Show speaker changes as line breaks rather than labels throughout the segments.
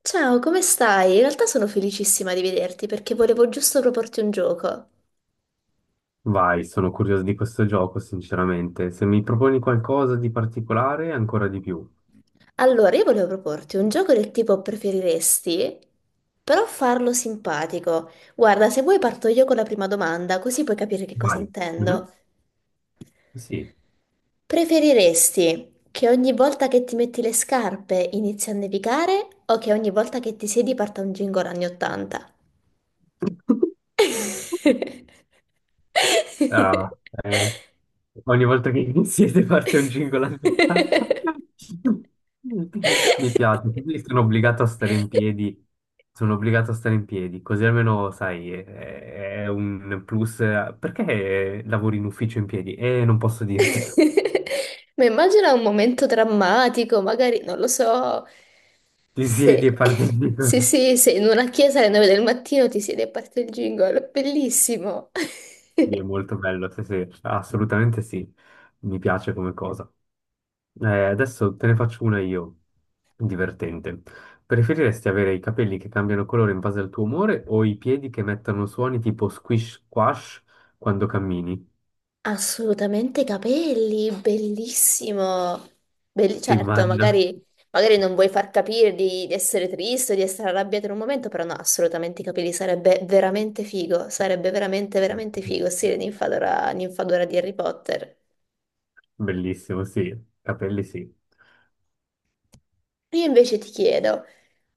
Ciao, come stai? In realtà sono felicissima di vederti perché volevo giusto proporti un gioco.
Vai, sono curioso di questo gioco, sinceramente. Se mi proponi qualcosa di particolare, ancora di più.
Allora, io volevo proporti un gioco del tipo preferiresti, però farlo simpatico. Guarda, se vuoi parto io con la prima domanda, così puoi capire che cosa
Vai.
intendo.
Mhm. Sì.
Preferiresti che ogni volta che ti metti le scarpe inizi a nevicare o che ogni volta che ti siedi parta un jingle anni 80?
Ah, eh, Ogni volta che iniziate parte un jingle alternato. Mi piace, così sono obbligato a stare in piedi. Sono obbligato a stare in piedi, così almeno, sai, è un plus. Perché lavori in ufficio in piedi? Non posso dirtelo.
Ma immagina un momento drammatico, magari, non lo so,
Ti
se,
siedi e parli.
se in una chiesa alle 9 del mattino ti siede e parte il jingle, bellissimo.
Sì, è molto bello, sì, sì, assolutamente sì, mi piace come cosa. Adesso te ne faccio una io, divertente. Preferiresti avere i capelli che cambiano colore in base al tuo umore o i piedi che mettono suoni tipo squish squash quando cammini?
Assolutamente capelli, bellissimo. Belli-
Si
certo,
immagina?
magari, magari non vuoi far capire di essere triste o di essere arrabbiata in un momento, però no, assolutamente i capelli sarebbe veramente figo, sarebbe veramente, veramente figo, stile ninfadora, ninfadora di Harry Potter.
Bellissimo, sì, capelli sì.
Io invece ti chiedo,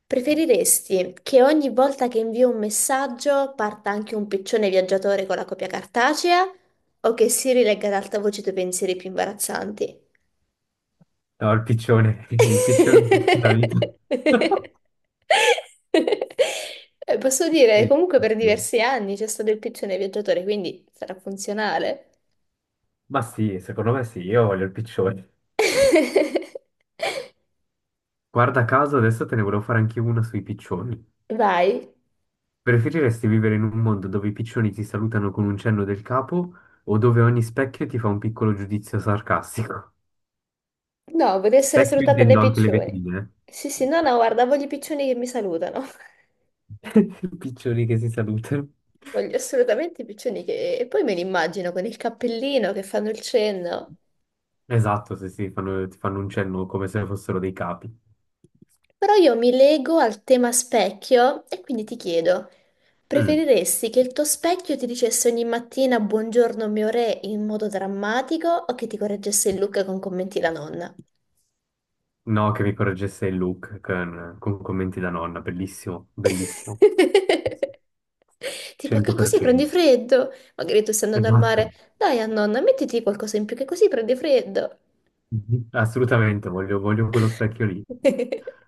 preferiresti che ogni volta che invio un messaggio parta anche un piccione viaggiatore con la copia cartacea o che si rilegga ad alta voce i tuoi pensieri più imbarazzanti?
No, il piccione, il piccione per tutta la vita.
Posso dire,
Sì.
comunque per diversi anni c'è stato il piccione viaggiatore, quindi sarà funzionale.
Ma sì, secondo me sì, io voglio il piccione. Guarda caso, adesso te ne volevo fare anche una sui piccioni.
Vai.
Preferiresti vivere in un mondo dove i piccioni ti salutano con un cenno del capo o dove ogni specchio ti fa un piccolo giudizio sarcastico?
No, voglio essere
Specchio
salutata dai
intendo anche le
piccioni.
vetrine.
Sì, sì, no, no, guarda, voglio i piccioni che mi salutano.
Eh. Piccioni che si salutano.
Voglio assolutamente i piccioni che... E poi me li immagino con il cappellino che fanno il cenno.
Esatto, sì, sì, ti fanno un cenno come se fossero dei capi.
Però io mi lego al tema specchio e quindi ti chiedo,
Mm,
preferiresti che il tuo specchio ti dicesse ogni mattina buongiorno mio re in modo drammatico o che ti correggesse il look con commenti da nonna?
No, che mi correggesse il look con commenti da nonna, bellissimo, bellissimo.
Tipo, che così prendi
100%.
freddo? Magari tu stai andando al mare,
Esatto.
dai a nonna, mettiti qualcosa in più che così prendi freddo.
Mhm. Assolutamente, voglio, voglio quello specchio lì.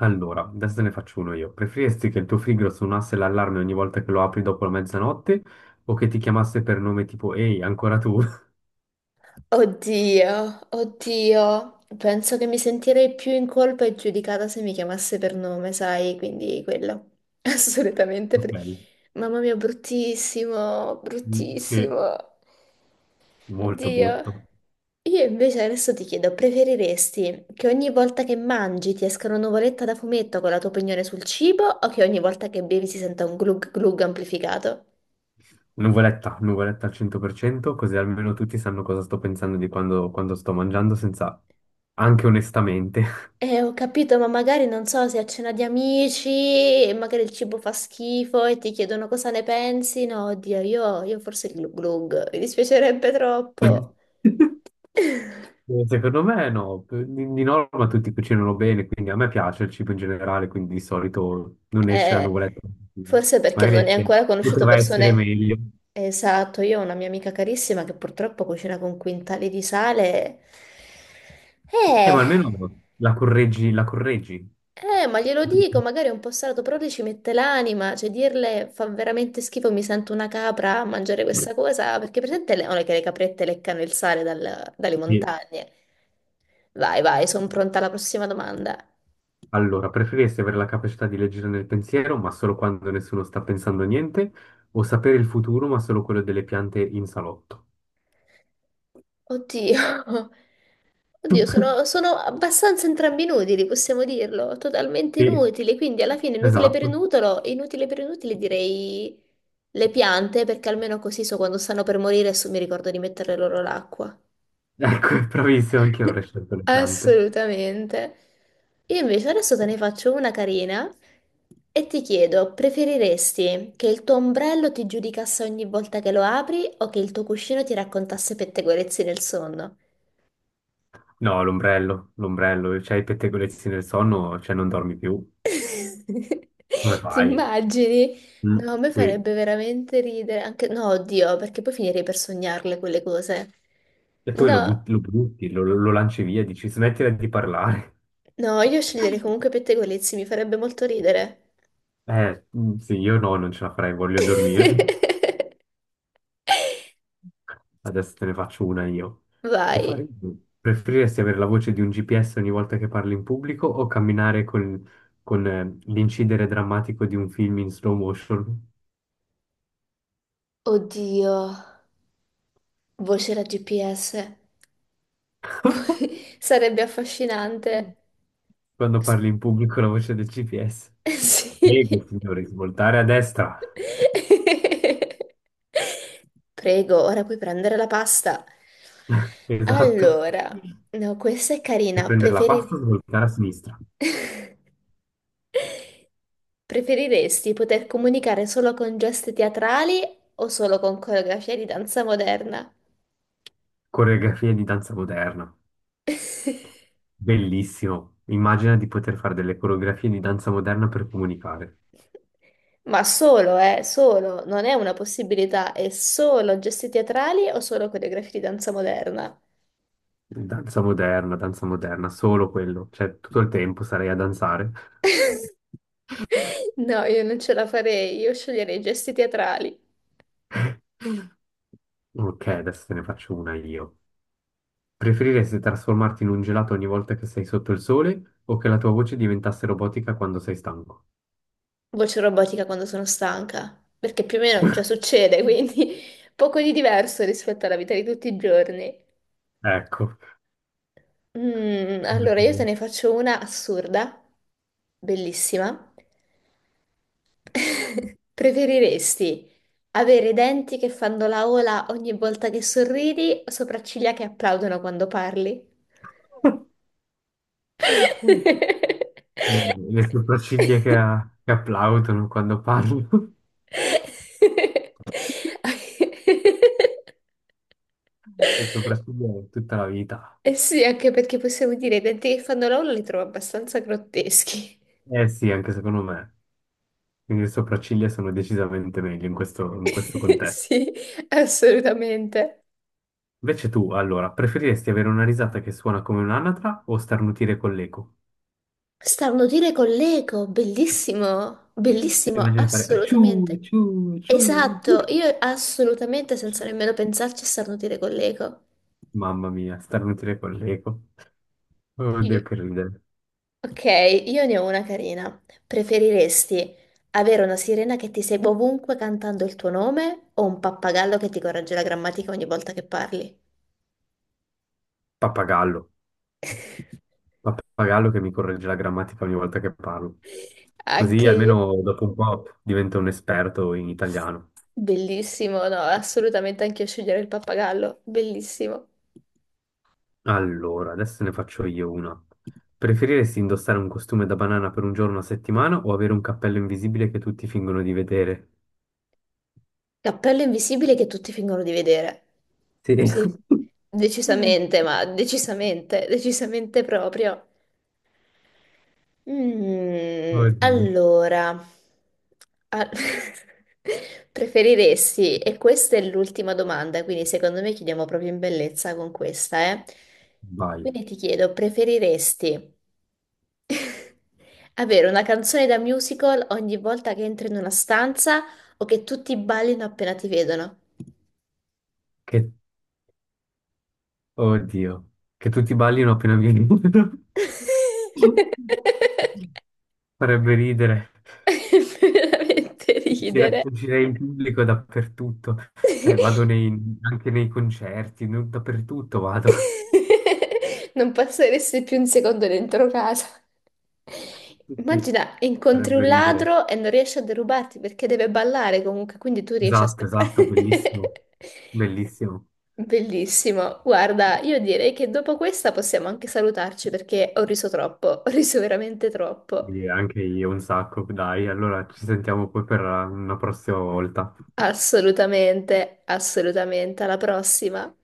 Allora, adesso te ne faccio uno io. Preferiresti che il tuo frigo suonasse l'allarme ogni volta che lo apri dopo la mezzanotte o che ti chiamasse per nome tipo ehi, ancora tu?
Oddio, oddio, penso che mi sentirei più in colpa e giudicata se mi chiamasse per nome, sai, quindi quello, assolutamente.
Ok,
Per- mamma mia, bruttissimo,
Mm, sì,
bruttissimo,
molto
oddio.
brutto.
Io invece adesso ti chiedo, preferiresti che ogni volta che mangi ti esca una nuvoletta da fumetto con la tua opinione sul cibo o che ogni volta che bevi si senta un glug glug amplificato?
Nuvoletta, nuvoletta al 100%, così almeno tutti sanno cosa sto pensando di quando, quando sto mangiando senza... anche onestamente.
Ho capito, ma magari non so se a cena di amici e magari il cibo fa schifo e ti chiedono cosa ne pensi. No, oddio, io forse il glug glug, mi dispiacerebbe troppo.
Secondo me no, di norma tutti cucinano bene, quindi a me piace il cibo in generale, quindi di solito non esce la
Eh,
nuvoletta.
forse perché non
Magari
hai
esce,
ancora conosciuto
poteva essere
persone.
meglio.
Esatto, io ho una mia amica carissima che purtroppo cucina con quintali di sale.
Ma
Eh.
almeno la correggi, la correggi.
Ma glielo dico, magari è un po' salato, però lei ci mette l'anima, cioè dirle fa veramente schifo, mi sento una capra a mangiare questa cosa, perché presente le, non è che le caprette leccano il sale dal- dalle
Sì.
montagne. Vai, vai, sono pronta alla prossima domanda.
Allora, preferiresti avere la capacità di leggere nel pensiero, ma solo quando nessuno sta pensando a niente, o sapere il futuro, ma solo quello delle piante in salotto?
Oddio, oddio, sono abbastanza entrambi inutili, possiamo dirlo, totalmente
Sì,
inutili, quindi alla fine
esatto.
inutile per inutile direi le piante, perché almeno così so quando stanno per morire e so- mi ricordo di mettere loro l'acqua.
Ecco, bravissimo, anche io avrei scelto le piante.
Assolutamente. Io invece adesso te ne faccio una carina e ti chiedo, preferiresti che il tuo ombrello ti giudicasse ogni volta che lo apri o che il tuo cuscino ti raccontasse pettegolezzi nel sonno?
No, l'ombrello, l'ombrello, c'hai i pettegolezzi nel sonno, cioè non dormi più. Come
Ti
fai?
immagini?
Mm.
No, a me
Sì.
farebbe veramente ridere, anche no, oddio, perché poi finirei per sognarle quelle cose.
E poi lo,
No,
but- lo butti, lo lanci via, dici smettila di parlare.
no, io sceglierei comunque pettegolezzi, mi farebbe molto ridere.
Sì, io no, non ce la farei, voglio dormire. Adesso te ne faccio una io. Che
Vai.
fare? Preferiresti avere la voce di un GPS ogni volta che parli in pubblico o camminare con l'incidere drammatico di un film in slow motion?
Oddio, voce da GPS. Sarebbe affascinante.
Quando
S-
parli in pubblico la voce del GPS. Prego,
Sì.
signore, svoltare a destra.
Prego, ora puoi prendere la pasta.
Esatto.
Allora, no, questa è
Per
carina.
prendere la
Preferi-
pasta, svoltare a sinistra.
preferiresti poter comunicare solo con gesti teatrali o solo con coreografie di danza moderna?
Coreografie di danza moderna. Bellissimo. Immagina di poter fare delle coreografie di danza moderna per comunicare.
Ma solo, solo, non è una possibilità, è solo gesti teatrali o solo coreografie di danza moderna?
Danza moderna, solo quello. Cioè, tutto il tempo sarei a danzare.
No, io non ce la farei, io sceglierei gesti teatrali.
Ok, adesso te ne faccio una io. Preferiresti trasformarti in un gelato ogni volta che sei sotto il sole o che la tua voce diventasse robotica quando sei stanco?
Voce robotica quando sono stanca, perché più o meno già succede, quindi poco di diverso rispetto alla vita di tutti i giorni.
Ecco.
Mm, allora, io te ne faccio una assurda, bellissima. Preferiresti avere i denti che fanno la ola ogni volta che sorridi o sopracciglia che applaudono quando parli?
Eh, Le sopracciglia che applaudono quando parlo, le sopracciglia tutta la vita.
Eh sì, anche perché possiamo dire i denti che fanno la ola li trovo abbastanza grotteschi.
Eh sì, anche secondo me. Quindi le sopracciglia sono decisamente meglio in questo contesto.
Sì, assolutamente.
Invece tu, allora, preferiresti avere una risata che suona come un'anatra o starnutire con l'eco?
Starnutire con l'eco, bellissimo,
E
bellissimo,
immagini di fare acciù,
assolutamente.
acciù, acciù. Acciù.
Esatto, io assolutamente senza nemmeno pensarci starnutire con l'eco.
Mamma mia, starnutire con l'eco.
Sì.
Oddio, che ridere.
Ok, io ne ho una carina. Preferiresti avere una sirena che ti segue ovunque cantando il tuo nome o un pappagallo che ti corregge la grammatica ogni volta che parli?
Pappagallo. Pappagallo che mi corregge la grammatica ogni volta che parlo. Così
Anche io.
almeno dopo un po' divento un esperto in italiano.
Bellissimo, no, assolutamente anche io sceglierei il pappagallo, bellissimo.
Allora, adesso ne faccio io una. Preferiresti indossare un costume da banana per un giorno a settimana o avere un cappello invisibile che tutti fingono di vedere?
L'appello invisibile che tutti fingono di vedere.
Sì.
Sì,
Mm.
decisamente, ma decisamente proprio. Mm,
Oddio.
allora, a- preferiresti, e questa è l'ultima domanda, quindi secondo me chiudiamo proprio in bellezza con questa, eh?
Vai.
Quindi ti chiedo, preferiresti avere una canzone da musical ogni volta che entri in una stanza o che tutti ballino appena ti vedono?
Che... Oddio. Che tutti ballino appena vieni. Farebbe ridere.
Veramente
Uscire,
ridere.
uscire in pubblico dappertutto, cioè anche nei concerti, dappertutto vado.
Non passeresti più un secondo dentro casa.
Sì,
Immagina, incontri
farebbe
un
ridere.
ladro e non riesci a derubarti perché deve ballare comunque, quindi tu riesci a
Esatto,
scappare.
esatto, bellissimo, bellissimo.
Bellissimo. Guarda, io direi che dopo questa possiamo anche salutarci perché ho riso troppo, ho riso veramente troppo.
Sì, anche io un sacco, dai, allora ci sentiamo poi per una prossima volta.
Assolutamente, assolutamente. Alla prossima.